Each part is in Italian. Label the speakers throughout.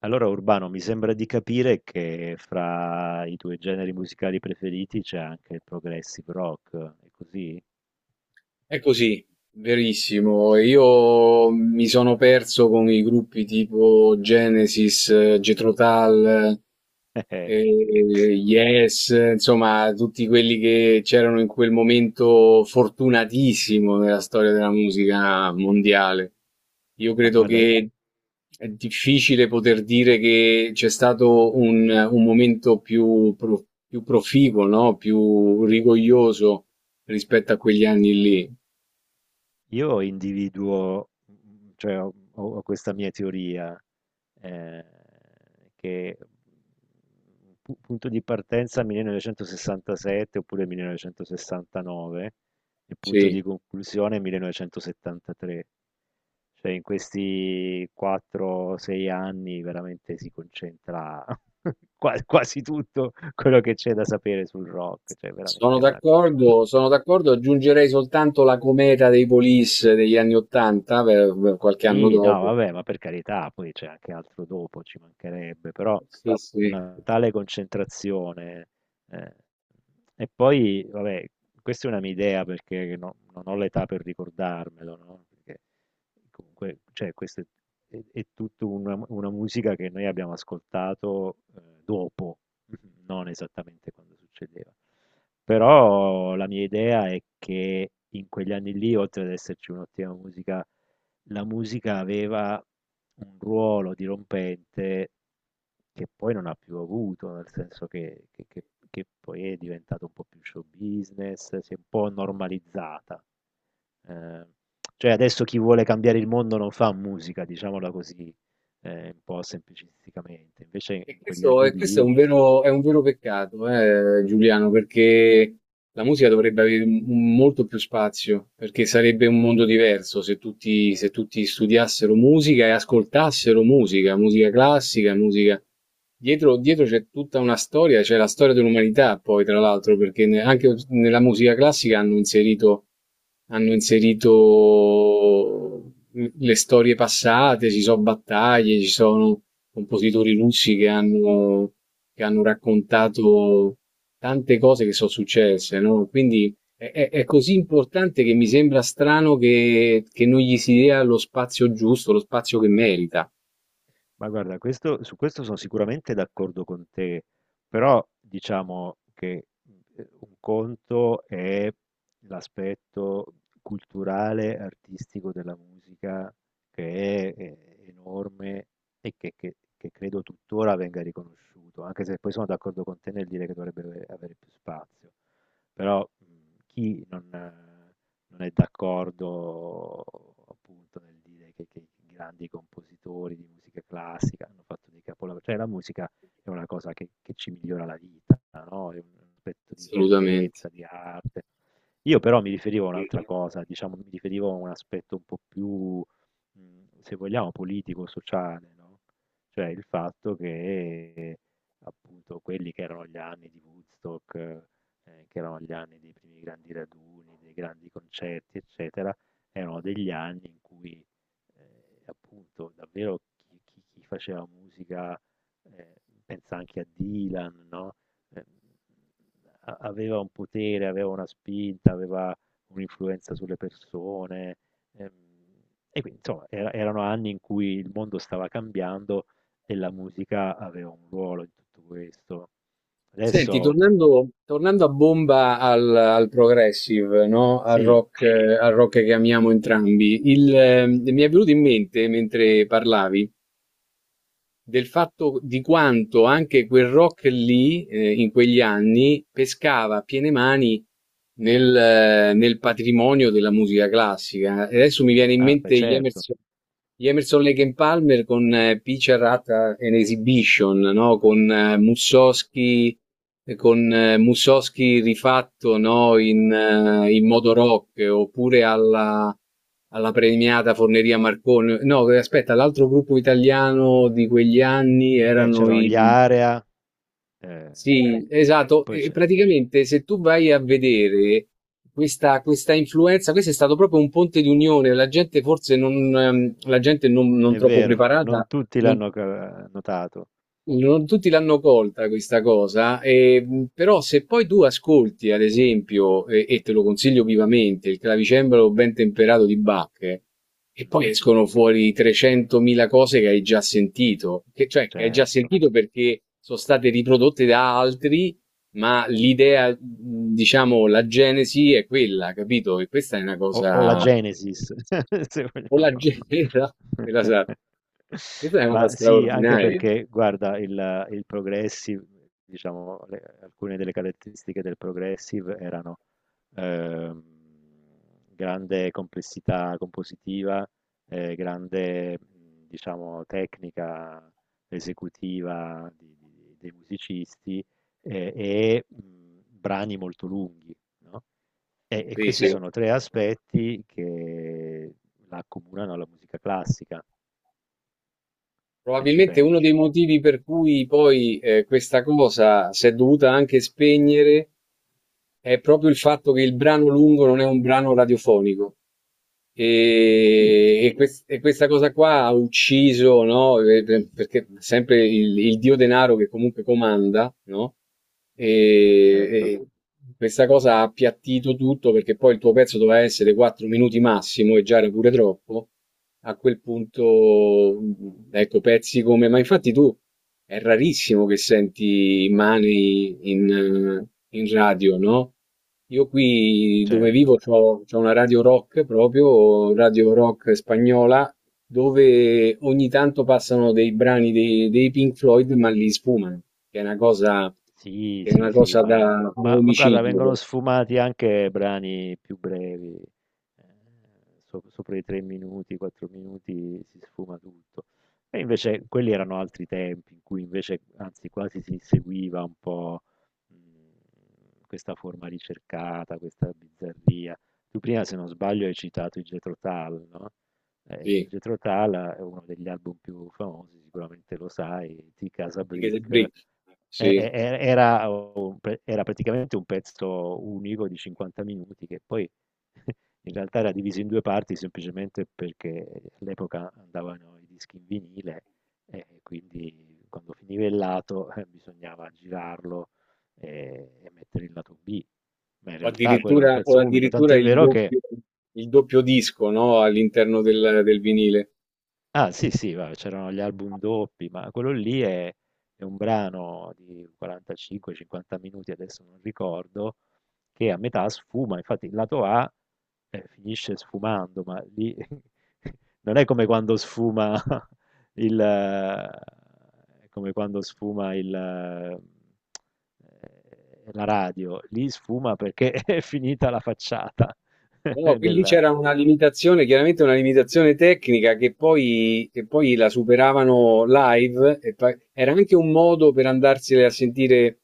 Speaker 1: Allora, Urbano, mi sembra di capire che fra i tuoi generi musicali preferiti c'è anche il progressive rock, è così?
Speaker 2: È così, verissimo. Io mi sono perso con i gruppi tipo Genesis, Jethro Tull,
Speaker 1: Eh,
Speaker 2: Yes, insomma, tutti quelli che c'erano in quel momento fortunatissimo nella storia della musica mondiale. Io
Speaker 1: Ma
Speaker 2: credo
Speaker 1: guarda,
Speaker 2: che è difficile poter dire che c'è stato un momento più proficuo, no? Più rigoglioso rispetto a quegli anni lì.
Speaker 1: io individuo, cioè ho questa mia teoria. eh, che Punto di partenza 1967 oppure 1969 e punto
Speaker 2: Sì,
Speaker 1: di conclusione 1973. Cioè in questi 4-6 anni veramente si concentra quasi tutto quello che c'è da sapere sul rock, cioè veramente una
Speaker 2: sono
Speaker 1: concentrazione.
Speaker 2: d'accordo, aggiungerei soltanto la cometa dei Police degli anni Ottanta, per qualche anno
Speaker 1: Sì, no,
Speaker 2: dopo.
Speaker 1: vabbè, ma per carità, poi c'è anche altro dopo, ci mancherebbe, però
Speaker 2: Sì, sì.
Speaker 1: una tale concentrazione. eh, E poi, vabbè, questa è una mia idea perché non ho l'età per ricordarmelo, no? Perché comunque, cioè, questa è tutta una musica che noi abbiamo ascoltato dopo, non esattamente quando succedeva. Però la mia idea è che in quegli anni lì, oltre ad esserci un'ottima musica, la musica aveva un ruolo dirompente che poi non ha più avuto, nel senso che poi è diventato un po' più show business, si è un po' normalizzata. Eh, cioè adesso chi vuole cambiare il mondo non fa musica, diciamola così, un po' semplicisticamente. Invece in quegli anni
Speaker 2: E questo è
Speaker 1: lì.
Speaker 2: è un vero peccato, Giuliano, perché la musica dovrebbe avere molto più spazio, perché sarebbe un mondo diverso se tutti, se tutti studiassero musica e ascoltassero musica, musica classica, musica... dietro c'è tutta una storia, c'è la storia dell'umanità poi, tra l'altro, perché anche nella musica classica hanno inserito le storie passate, ci sono battaglie, ci sono compositori russi che hanno raccontato tante cose che sono successe, no? Quindi è così importante che mi sembra strano che non gli si dia lo spazio giusto, lo spazio che merita,
Speaker 1: Ma guarda, su questo sono sicuramente d'accordo con te, però diciamo che un conto è l'aspetto culturale, artistico della musica, che è enorme e che credo tuttora venga riconosciuto, anche se poi sono d'accordo con te nel dire che dovrebbe avere più spazio. Però chi non è d'accordo appunto nel dire che i grandi compositori di musica classica hanno fatto dei capolavori, cioè la musica è una cosa che ci migliora la vita, no? È un aspetto di
Speaker 2: assolutamente.
Speaker 1: bellezza, di arte. Io però mi riferivo a un'altra cosa, diciamo, mi riferivo a un aspetto un po' più, se vogliamo, politico, sociale, no? Cioè il fatto che appunto quelli che erano gli anni di Woodstock, che erano gli anni dei primi grandi raduni, dei grandi concerti, eccetera, erano degli anni in cui, appunto, davvero chi faceva musica, ehm, pensa anche a Dylan, no, ehm, a aveva un potere, aveva una spinta, aveva un'influenza sulle persone, ehm, e quindi insomma erano anni in cui il mondo stava cambiando e la musica aveva un ruolo in tutto questo.
Speaker 2: Senti,
Speaker 1: Adesso.
Speaker 2: tornando a bomba al progressive, no?
Speaker 1: Sì.
Speaker 2: Al rock che amiamo entrambi, mi è venuto in mente mentre parlavi del fatto di quanto anche quel rock lì, in quegli anni, pescava a piene mani nel, nel patrimonio della musica classica. E adesso mi viene in
Speaker 1: Ah, beh,
Speaker 2: mente
Speaker 1: certo.
Speaker 2: Gli Emerson Lake and Palmer con Picture at an Exhibition, no? Con Mussorgsky, con Mussorgsky rifatto, no? In, in modo rock, oppure alla alla premiata Forneria Marconi. No, aspetta, l'altro gruppo italiano di quegli anni
Speaker 1: Beh,
Speaker 2: erano
Speaker 1: c'erano gli
Speaker 2: i...
Speaker 1: Area, eh, poi,
Speaker 2: Sì, esatto.
Speaker 1: poi
Speaker 2: E
Speaker 1: c'è-
Speaker 2: praticamente se tu vai a vedere questa influenza, questo è stato proprio un ponte di unione, la gente forse non, la gente non, non
Speaker 1: È
Speaker 2: troppo
Speaker 1: vero, non
Speaker 2: preparata.
Speaker 1: tutti
Speaker 2: non-
Speaker 1: l'hanno notato.
Speaker 2: Non tutti l'hanno colta questa cosa, e, però se poi tu ascolti, ad esempio, e te lo consiglio vivamente, il clavicembalo ben temperato di Bach, e poi
Speaker 1: Mhm,
Speaker 2: escono fuori 300.000 cose che hai già sentito, cioè che hai già
Speaker 1: certo.
Speaker 2: sentito perché sono state riprodotte da altri, ma l'idea, diciamo, la genesi è quella, capito? E questa è una
Speaker 1: O la
Speaker 2: cosa...
Speaker 1: Genesis, se
Speaker 2: O la
Speaker 1: vogliamo.
Speaker 2: genesi, la sa, questa è una cosa
Speaker 1: Ma sì, anche
Speaker 2: straordinaria.
Speaker 1: perché guarda il progressive, diciamo le alcune delle caratteristiche del progressive erano, ehm, grande complessità compositiva, grande, diciamo tecnica esecutiva di dei musicisti, brani molto lunghi, no? E
Speaker 2: Sì,
Speaker 1: questi
Speaker 2: sì.
Speaker 1: sono 3 aspetti che la accomunano alla musica classica, se ci
Speaker 2: Probabilmente uno dei
Speaker 1: pensi.
Speaker 2: motivi per cui poi questa cosa si è dovuta anche spegnere è proprio il fatto che il brano lungo non è un brano radiofonico.
Speaker 1: Sì,
Speaker 2: E questa cosa qua ha ucciso, no? Perché sempre il dio denaro che comunque comanda, no? E,
Speaker 1: certo,
Speaker 2: e questa cosa ha appiattito tutto perché poi il tuo pezzo doveva essere 4 minuti massimo e già era pure troppo. A quel punto, ecco, pezzi come... Ma infatti tu è rarissimo che senti Money in radio, no? Io qui dove
Speaker 1: cer
Speaker 2: vivo c'ho una radio rock proprio, radio rock spagnola, dove ogni tanto passano dei brani dei Pink Floyd, ma li sfumano, che è una cosa,
Speaker 1: Sì,
Speaker 2: che è
Speaker 1: sì,
Speaker 2: una
Speaker 1: sì,
Speaker 2: cosa
Speaker 1: ma,
Speaker 2: da
Speaker 1: ma- ma guarda,
Speaker 2: omicidio.
Speaker 1: vengono sfumati anche brani più brevi, eh, sopra i 3 minuti, 4 minuti si sfuma tutto. E invece quelli erano altri tempi in cui invece, anzi, quasi si seguiva un po' questa forma ricercata, questa bizzarria. Tu prima, se non sbaglio, hai citato i Jethro Tull, no? Il
Speaker 2: Sì,
Speaker 1: Jethro Tull è uno degli album più famosi, sicuramente lo sai, di Casa
Speaker 2: di che
Speaker 1: Brick.
Speaker 2: se-
Speaker 1: e-
Speaker 2: sì.
Speaker 1: e- e- Era, un pre- era praticamente un pezzo unico di 50 minuti che poi in realtà era diviso in due parti semplicemente perché all'epoca andavano i dischi in vinile e quindi quando finiva il lato bisognava girarlo e mettere il lato B. Ma in realtà quello era un
Speaker 2: O
Speaker 1: pezzo unico,
Speaker 2: addirittura
Speaker 1: tant'è vero che,
Speaker 2: il doppio disco, no? All'interno del vinile.
Speaker 1: ah sì sì, va, c'erano gli album doppi, ma quello lì è un brano di 45-50 minuti, adesso non ricordo, che a metà sfuma, infatti il lato A finisce sfumando, ma lì non è come quando sfuma è come quando sfuma la radio, lì sfuma perché è finita la facciata
Speaker 2: No, qui lì
Speaker 1: del...
Speaker 2: c'era una limitazione, chiaramente una limitazione tecnica che poi la superavano live. E era anche un modo per andarsene a sentire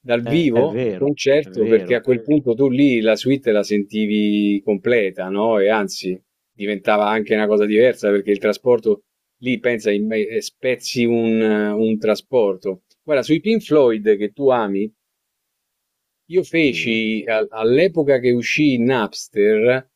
Speaker 2: dal
Speaker 1: Eh, È
Speaker 2: vivo il
Speaker 1: vero, è
Speaker 2: concerto, perché a
Speaker 1: vero,
Speaker 2: quel punto tu lì la suite la sentivi completa, no? E anzi, diventava anche una cosa diversa perché il trasporto lì pensa, spezzi un trasporto. Guarda, sui Pink Floyd che tu ami. Io
Speaker 1: sì,
Speaker 2: feci all'epoca che uscì Napster,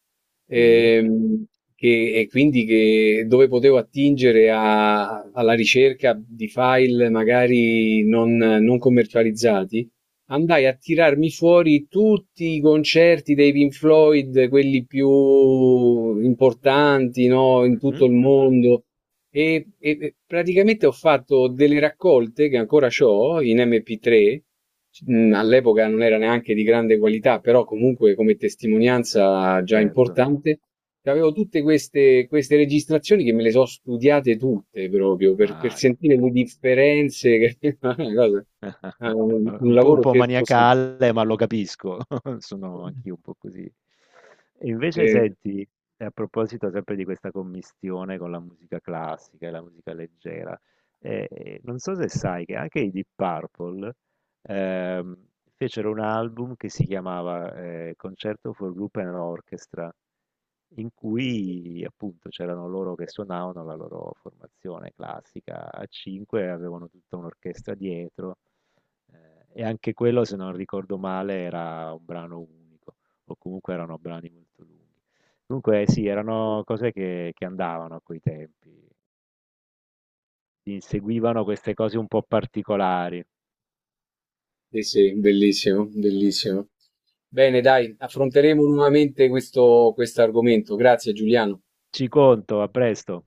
Speaker 1: sì,
Speaker 2: ehm, che, e quindi che, dove potevo attingere alla ricerca di file magari non, non commercializzati, andai a tirarmi fuori tutti i concerti dei Pink Floyd, quelli più importanti, no, in tutto
Speaker 1: mhm,
Speaker 2: il mondo. E praticamente ho fatto delle raccolte che ancora ho in MP3. All'epoca non era neanche di grande qualità, però comunque come testimonianza già
Speaker 1: certo,
Speaker 2: importante. Avevo tutte queste, queste registrazioni che me le so studiate tutte proprio per
Speaker 1: ma che
Speaker 2: sentire le
Speaker 1: meraviglia.
Speaker 2: differenze. Che è una cosa, è un
Speaker 1: Un po', un
Speaker 2: lavoro
Speaker 1: po'
Speaker 2: certosino.
Speaker 1: maniacale, ma lo capisco, sono anch'io un po' così. E
Speaker 2: Sì,
Speaker 1: invece
Speaker 2: Eh,
Speaker 1: senti, a proposito sempre di questa commistione con la musica classica e la musica leggera, non so se sai che anche i Deep Purple ehm, fecero un album che si chiamava Concerto for Group and Orchestra, in cui appunto c'erano loro che suonavano la loro formazione classica a 5, avevano tutta un'orchestra dietro e anche quello, se non ricordo male, era un brano unico o comunque erano brani molto lunghi. Comunque sì, erano cose che andavano a quei tempi, inseguivano queste cose un po' particolari.
Speaker 2: sì, sì, bellissimo, bellissimo. Bene, dai, affronteremo nuovamente questo argomento. Grazie, Giuliano.
Speaker 1: Ci conto, a presto.